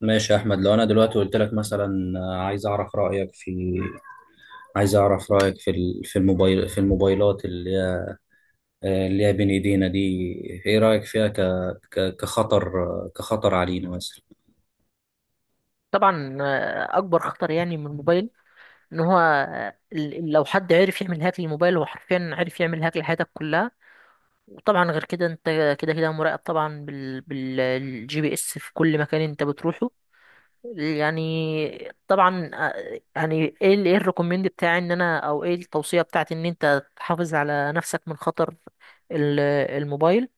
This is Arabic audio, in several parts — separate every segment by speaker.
Speaker 1: ماشي يا احمد، لو انا دلوقتي قلت لك مثلا عايز اعرف رايك في في الموبايل في الموبايلات اللي هي بين ايدينا دي، ايه رايك فيها ك... ك... كخطر آه، كخطر علينا مثلا؟
Speaker 2: طبعا، اكبر خطر يعني من الموبايل. ان هو، لو حد عرف يعمل هاك للموبايل، هو حرفيا عرف يعمل هاك لحياتك كلها. وطبعا غير كده، انت كده كده مراقب طبعا بالجي بي اس في كل مكان انت بتروحه. يعني طبعا، ايه الريكومند بتاعي، ان انا، او ايه التوصية بتاعتي، ان انت تحافظ على نفسك من خطر ال- الموبايل.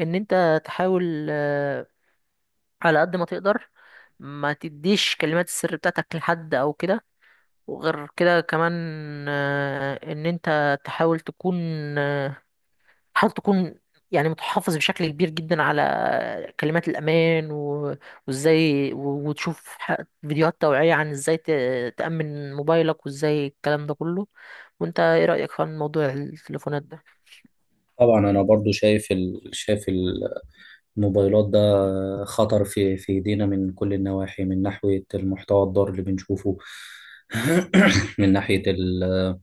Speaker 2: ان انت تحاول، على قد ما تقدر، ما تديش كلمات السر بتاعتك لحد او كده. وغير كده كمان، ان انت تحاول تكون، آه، تحاول تكون يعني متحفظ بشكل كبير جدا على كلمات الامان، و- وازاي، وتشوف فيديوهات توعية عن ازاي تأمن موبايلك، وازاي الكلام ده كله. وانت ايه رأيك في موضوع التليفونات ده؟
Speaker 1: طبعا، انا برضو شايف الموبايلات ده خطر في ايدينا، من كل النواحي، من ناحية المحتوى الضار اللي بنشوفه. من ناحية ال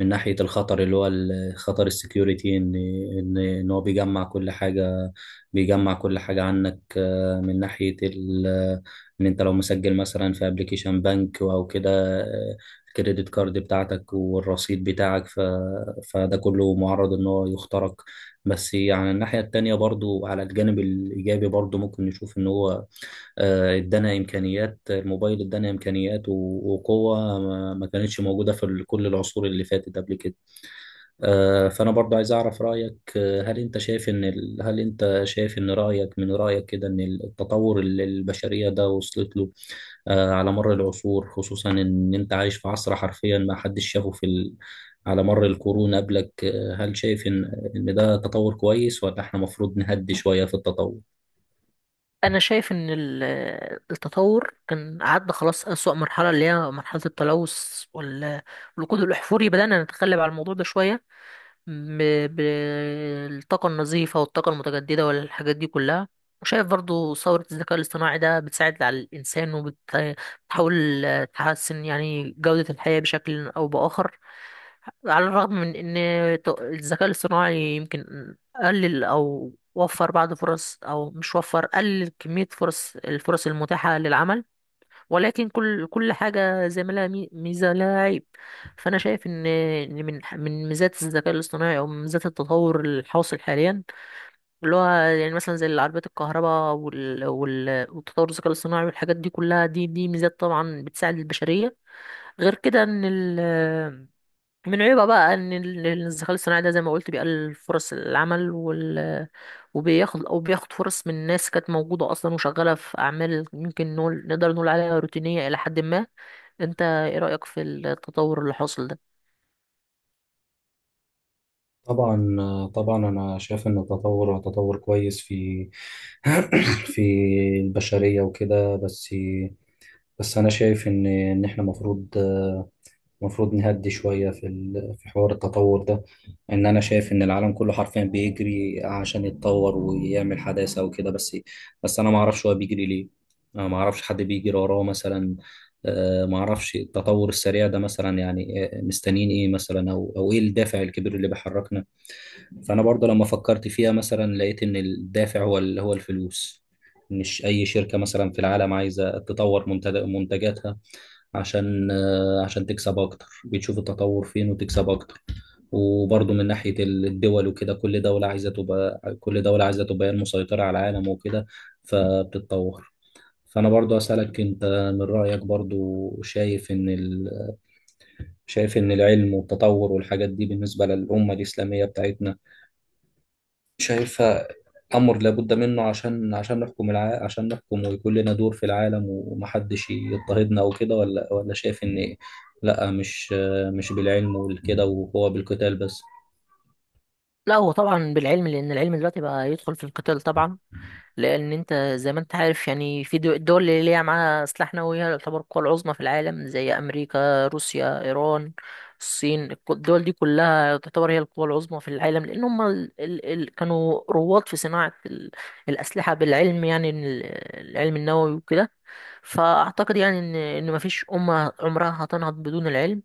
Speaker 1: من ناحية الخطر اللي هو خطر السكيورتي، ان هو بيجمع كل حاجة، بيجمع كل حاجة عنك، من ناحية ال ان انت لو مسجل مثلا في ابلكيشن بنك او كده، آه، الكريدت كارد بتاعتك والرصيد بتاعك، فده كله معرض ان هو يخترق. بس يعني الناحية التانية، برضو على الجانب الإيجابي، برضو ممكن نشوف إن هو ادانا إمكانيات الموبايل، ادانا إمكانيات وقوة ما كانتش موجودة في كل العصور اللي فاتت قبل كده. فأنا برضو عايز أعرف رأيك. هل أنت شايف إن من رأيك كده، إن التطور اللي البشرية ده وصلت له على مر العصور، خصوصا إن أنت عايش في عصر حرفيا ما حدش شافه على مر القرون قبلك، هل شايف إن ده تطور كويس ولا إحنا المفروض نهدي شوية في التطور؟
Speaker 2: انا شايف ان التطور كان عدى خلاص أسوأ مرحلة، اللي هي مرحلة التلوث والوقود الاحفوري. بدأنا نتغلب على الموضوع ده شوية بالطاقة النظيفة والطاقة المتجددة والحاجات دي كلها. وشايف برضو ثورة الذكاء الاصطناعي ده بتساعد على الإنسان، وبتحاول تحسن يعني جودة الحياة بشكل أو بآخر. على الرغم من إن الذكاء الاصطناعي يمكن قلل أو وفر بعض فرص، أو مش وفر، قلل كمية الفرص المتاحة للعمل. ولكن كل حاجة زي ما لها، ميزة لها عيب. فأنا شايف إن من ميزات الذكاء الاصطناعي، أو من ميزات التطور الحاصل حاليا، اللي هو يعني مثلا زي العربيات الكهرباء وال... وال... والتطور الذكاء الاصطناعي والحاجات دي كلها، دي ميزات طبعا بتساعد البشرية. غير كده إن من عيوبها بقى إن الذكاء الاصطناعي ده، زي ما قلت، بيقلل فرص العمل، وبياخد أو بياخد فرص من ناس كانت موجودة أصلا وشغالة في أعمال ممكن نقدر نقول عليها روتينية إلى حد ما. انت ايه رأيك في التطور اللي حاصل ده؟
Speaker 1: طبعا طبعا انا شايف ان التطور هو تطور كويس في في البشرية وكده. بس انا شايف ان احنا المفروض نهدي شويه في في حوار التطور ده. ان انا شايف ان العالم كله حرفيا بيجري عشان يتطور ويعمل حداثه وكده. بس انا ما اعرفش هو بيجري ليه. انا ما اعرفش حد بيجري وراه مثلا. ما اعرفش التطور السريع ده مثلا، يعني مستنيين ايه مثلا، او ايه الدافع الكبير اللي بيحركنا؟ فانا برضه لما فكرت فيها مثلا، لقيت ان الدافع هو الفلوس. مش اي شركه مثلا في العالم عايزه تطور منتجاتها، عشان عشان تكسب اكتر، بتشوف التطور فين وتكسب اكتر. وبرضه من ناحية الدول وكده، كل دولة عايزة تبقى هي المسيطرة على العالم وكده، فبتتطور. فأنا برضه أسألك أنت، من رأيك برضه، شايف إن ال... شايف إن العلم والتطور والحاجات دي بالنسبة للأمة الإسلامية بتاعتنا، شايفها أمر لابد منه عشان عشان نحكم، ويكون لنا دور في العالم ومحدش يضطهدنا وكده، ولا شايف إن لأ مش بالعلم والكده، وهو بالقتال بس؟
Speaker 2: لا، هو طبعا بالعلم، لان العلم دلوقتي بقى يدخل في القتال طبعا. لان انت زي ما انت عارف يعني، في الدول اللي ليها معاها سلاح نووي، هي تعتبر القوى العظمى في العالم، زي امريكا، روسيا، ايران، الصين. الدول دي كلها تعتبر هي القوى العظمى في العالم، لان هم كانوا رواد في صناعة الأسلحة بالعلم. يعني إن العلم النووي وكده. فأعتقد يعني ان مفيش أمة عمرها هتنهض بدون العلم.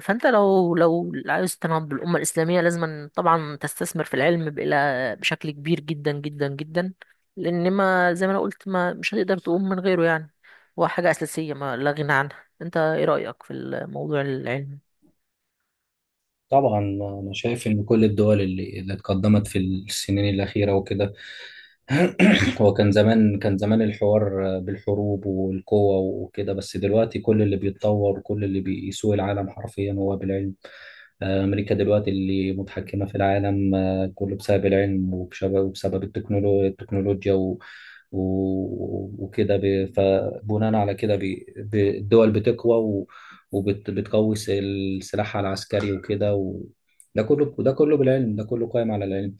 Speaker 2: فانت لو عايز تنهض بالامه الاسلاميه، لازم طبعا تستثمر في العلم بإلى بشكل كبير جدا جدا جدا. لان، ما زي ما انا قلت، ما مش هتقدر تقوم من غيره يعني. هو حاجه اساسيه ما لا غنى عنها. انت ايه رايك في الموضوع العلمي؟
Speaker 1: طبعا، أنا شايف إن كل الدول اللي اتقدمت في السنين الأخيرة وكده. هو كان زمان الحوار بالحروب والقوة وكده. بس دلوقتي كل اللي بيتطور وكل اللي بيسوق العالم حرفيا هو بالعلم. أمريكا دلوقتي اللي متحكمة في العالم كله بسبب العلم وبسبب التكنولوجيا و... وكده، فبناء على كده، الدول بتقوى وبتقوي سلاحها العسكري وكده ده كله بالعلم، ده كله قائم على العلم.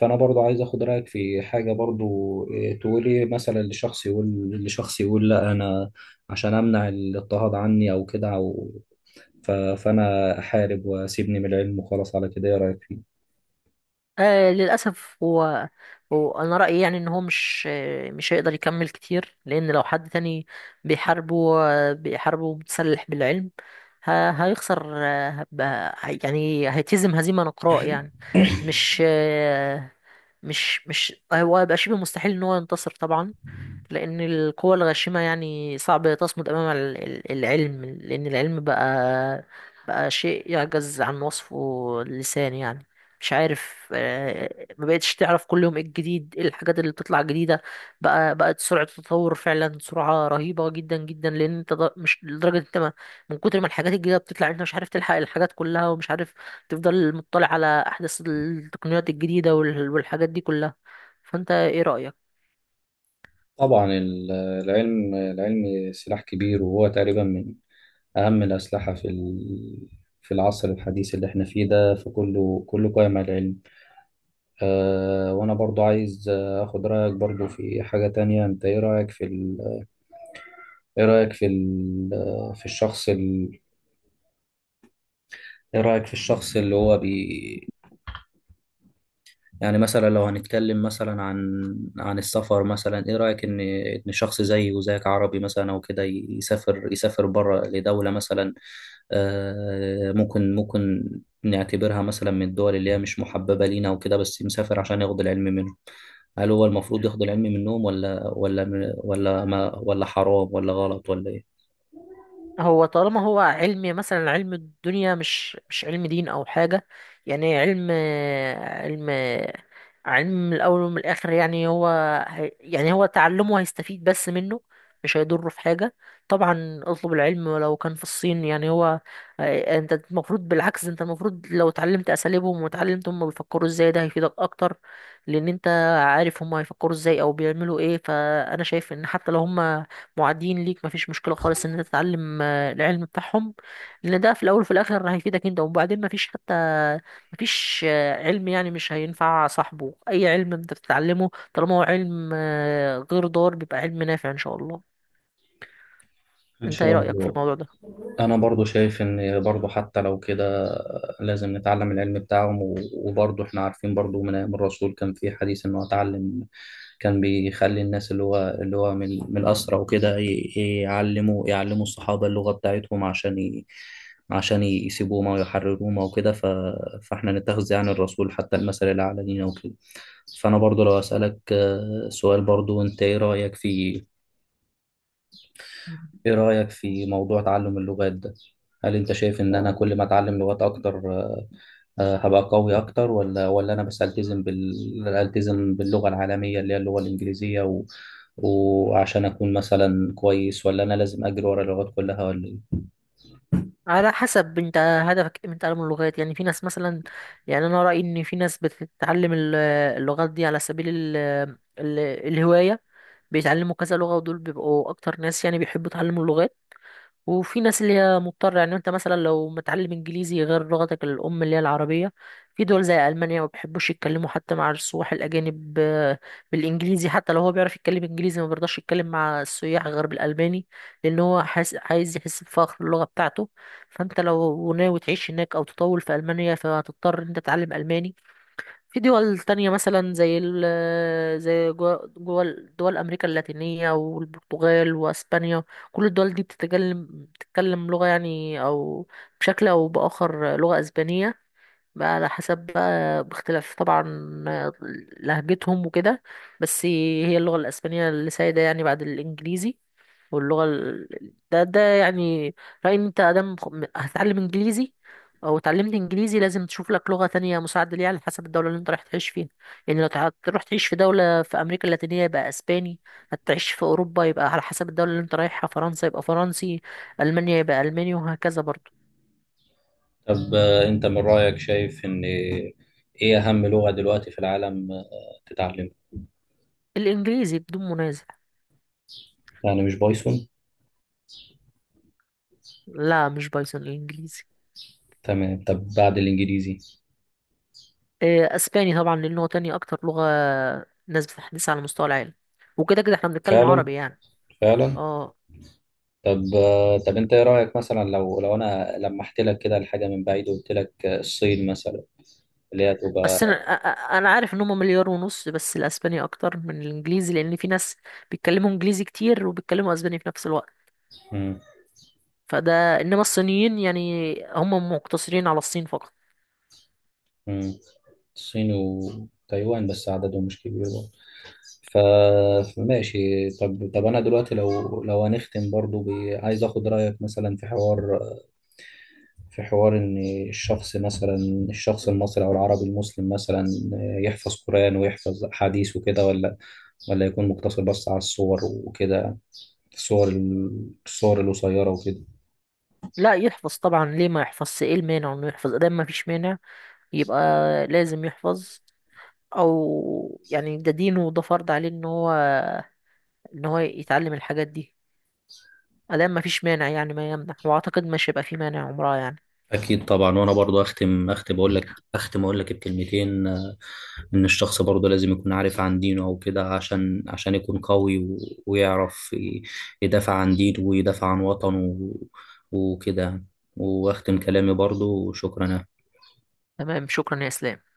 Speaker 1: فأنا برضو عايز أخد رأيك في حاجة برضو. إيه، تقولي مثلا لشخص يقول لا أنا عشان أمنع الاضطهاد عني أو كده، فأنا أحارب وأسيبني من العلم وخلاص على كده، إيه رأيك فيه؟
Speaker 2: آه، للأسف، هو أنا رأيي يعني إن هو مش، مش هيقدر يكمل كتير، لأن لو حد تاني بيحاربه، بيحاربه متسلح بالعلم، هيخسر. يعني هيتهزم هزيمة نقراء يعني. مش آه، مش مش هو هيبقى شبه مستحيل إن هو ينتصر طبعا. لأن القوى الغاشمة يعني صعب تصمد أمام العلم، لأن العلم بقى شيء يعجز عن وصفه اللسان يعني. مش عارف، ما بقتش تعرف كل يوم ايه الجديد، ايه الحاجات اللي بتطلع جديدة. بقت سرعة التطور فعلا سرعة رهيبة جدا جدا، لأن انت مش لدرجة انت ما، من كتر ما الحاجات الجديدة بتطلع انت مش عارف تلحق الحاجات كلها، ومش عارف تفضل مطلع على أحدث التقنيات الجديدة والحاجات دي كلها. فانت ايه رأيك؟
Speaker 1: طبعا، العلم سلاح كبير، وهو تقريبا من أهم الأسلحة في العصر الحديث اللي احنا فيه ده، فكله، كله قائم على العلم. أه، وأنا برضو عايز أخد رأيك برضو في حاجة تانية. أنت إيه رأيك في ال... إيه رأيك في ال... في الشخص ال... إيه رأيك في الشخص يعني مثلا لو هنتكلم مثلا عن السفر مثلا، ايه رأيك ان شخص زيي وزيك عربي مثلا او كده، يسافر بره لدولة مثلا، ممكن نعتبرها مثلا من الدول اللي هي مش محببة لينا وكده، بس مسافر عشان ياخد العلم منهم. هل هو المفروض ياخد العلم منهم، ولا ولا ولا ما ولا حرام ولا غلط ولا ايه؟
Speaker 2: هو طالما هو علم، مثلا علم الدنيا، مش علم دين او حاجه يعني. علم علم الاول ومن الاخر يعني. هو يعني هو تعلمه هيستفيد بس منه، مش هيضره في حاجه. طبعا اطلب العلم ولو كان في الصين يعني. هو، انت المفروض بالعكس، انت المفروض لو اتعلمت اساليبهم واتعلمت هم بيفكروا ازاي، ده هيفيدك اكتر، لان انت عارف هم هيفكروا ازاي او بيعملوا ايه. فانا شايف ان حتى لو هم معادين ليك، مفيش مشكلة خالص ان انت تتعلم العلم بتاعهم، لان ده في الاول وفي الاخر هيفيدك انت. وبعدين مفيش علم يعني مش هينفع صاحبه. اي علم انت بتتعلمه طالما هو علم، غير ضار، بيبقى علم نافع ان شاء الله.
Speaker 1: إن
Speaker 2: انت ايه
Speaker 1: شاء
Speaker 2: رأيك في
Speaker 1: الله.
Speaker 2: الموضوع ده؟
Speaker 1: انا برضو شايف ان برضو حتى لو كده، لازم نتعلم العلم بتاعهم، وبرضو احنا عارفين برضو من ايام الرسول كان في حديث انه اتعلم. كان بيخلي الناس اللي هو من الاسرى وكده يعلموا الصحابة اللغة بتاعتهم، عشان يسيبوهم او يحرروهم او كده. فاحنا نتخذ يعني الرسول حتى المثل الاعلى لينا وكده. فانا برضو لو اسالك سؤال برضو، انت ايه رايك
Speaker 2: مم.
Speaker 1: إيه رأيك في موضوع تعلم اللغات ده؟ هل أنت شايف إن أنا كل ما أتعلم لغات أكتر هبقى قوي أكتر، ولا أنا بس ألتزم باللغة العالمية اللي هي اللغة الإنجليزية وعشان أكون مثلا كويس، ولا أنا لازم أجري ورا اللغات كلها ولا إيه؟
Speaker 2: على حسب انت هدفك ايه من تعلم اللغات. يعني في ناس مثلا، يعني انا رأيي ان في ناس بتتعلم اللغات دي على سبيل ال- الهواية، بيتعلموا كذا لغة، ودول بيبقوا اكتر ناس يعني بيحبوا يتعلموا اللغات. وفي ناس اللي هي مضطرة. يعني انت مثلا لو متعلم انجليزي غير لغتك الام اللي هي العربية، في دول زي المانيا ما بيحبوش يتكلموا حتى مع السواح الاجانب، بالانجليزي. حتى لو هو بيعرف يتكلم انجليزي، ما بيرضاش يتكلم مع السياح غير بالالماني، لان هو حاس، عايز يحس بفخر اللغة بتاعته. فانت لو ناوي تعيش هناك او تطول في المانيا، فهتضطر ان انت تتعلم الماني. في دول تانية مثلا، زي جوا دول أمريكا اللاتينية والبرتغال وأسبانيا، كل الدول دي بتتكلم لغة يعني، أو بشكل أو بآخر لغة أسبانية. بقى على حسب، بقى باختلاف طبعا لهجتهم وكده، بس هي اللغة الأسبانية اللي سايدة يعني بعد الإنجليزي. واللغة ده يعني رأيي إن أنت آدم هتتعلم إنجليزي، أو اتعلمت إنجليزي، لازم تشوف لك لغة تانية مساعدة ليها على حسب الدولة اللي أنت رايح تعيش فيها. يعني لو تروح تعيش في دولة في أمريكا اللاتينية، يبقى أسباني. هتعيش في أوروبا يبقى على حسب الدولة اللي أنت رايحها، فرنسا يبقى فرنسي، ألمانيا يبقى ألماني، وهكذا برضه.
Speaker 1: طب أنت من رأيك، شايف إن إيه أهم لغة دلوقتي في العالم تتعلمها؟
Speaker 2: الإنجليزي بدون منازع.
Speaker 1: يعني مش بايثون؟
Speaker 2: لا، مش بايثون، الإنجليزي.
Speaker 1: تمام. طب بعد الإنجليزي؟
Speaker 2: إيه، أسباني طبعا، لأنه هو تاني أكتر لغة ناس بتحدثها على مستوى العالم. وكده كده احنا بنتكلم
Speaker 1: فعلا،
Speaker 2: عربي يعني.
Speaker 1: فعلا.
Speaker 2: اه.
Speaker 1: طب طب انت ايه رايك، مثلا لو انا لمحت لك كده الحاجه من بعيد، وقلت لك الصين مثلا، اللي هي
Speaker 2: بس انا،
Speaker 1: تبقى...
Speaker 2: انا عارف ان هم 1.5 مليار، بس الاسباني اكتر من الانجليزي، لان في ناس بيتكلموا انجليزي كتير وبيتكلموا اسباني في نفس الوقت.
Speaker 1: مم،
Speaker 2: فده، انما الصينيين يعني هم مقتصرين على الصين فقط.
Speaker 1: مم. الصين وتايوان بس، عددهم مش كبير برضه. ف فماشي. طب، انا دلوقتي لو هنختم برضو عايز اخد رايك مثلا في حوار، في حوار ان الشخص مثلا الشخص المصري او العربي المسلم مثلا يحفظ قران ويحفظ حديث وكده، ولا يكون مقتصر بس على الصور وكده، الصور الصور القصيرة وكده.
Speaker 2: لا، يحفظ طبعا. ليه ما يحفظش؟ ايه المانع انه يحفظ ادام ما فيش مانع؟ يبقى لازم يحفظ، او يعني ده دينه وده فرض عليه ان هو يتعلم الحاجات دي، ادام ما فيش مانع يعني ما يمنع. واعتقد مش هيبقى في مانع عمرها يعني.
Speaker 1: اكيد طبعا. وانا برضو اختم اقول لك بكلمتين، ان الشخص برضو لازم يكون عارف عن دينه او كده، عشان يكون قوي، ويعرف يدافع عن دينه ويدافع عن وطنه وكده. واختم كلامي برضو، وشكرا.
Speaker 2: تمام، شكرا يا اسلام.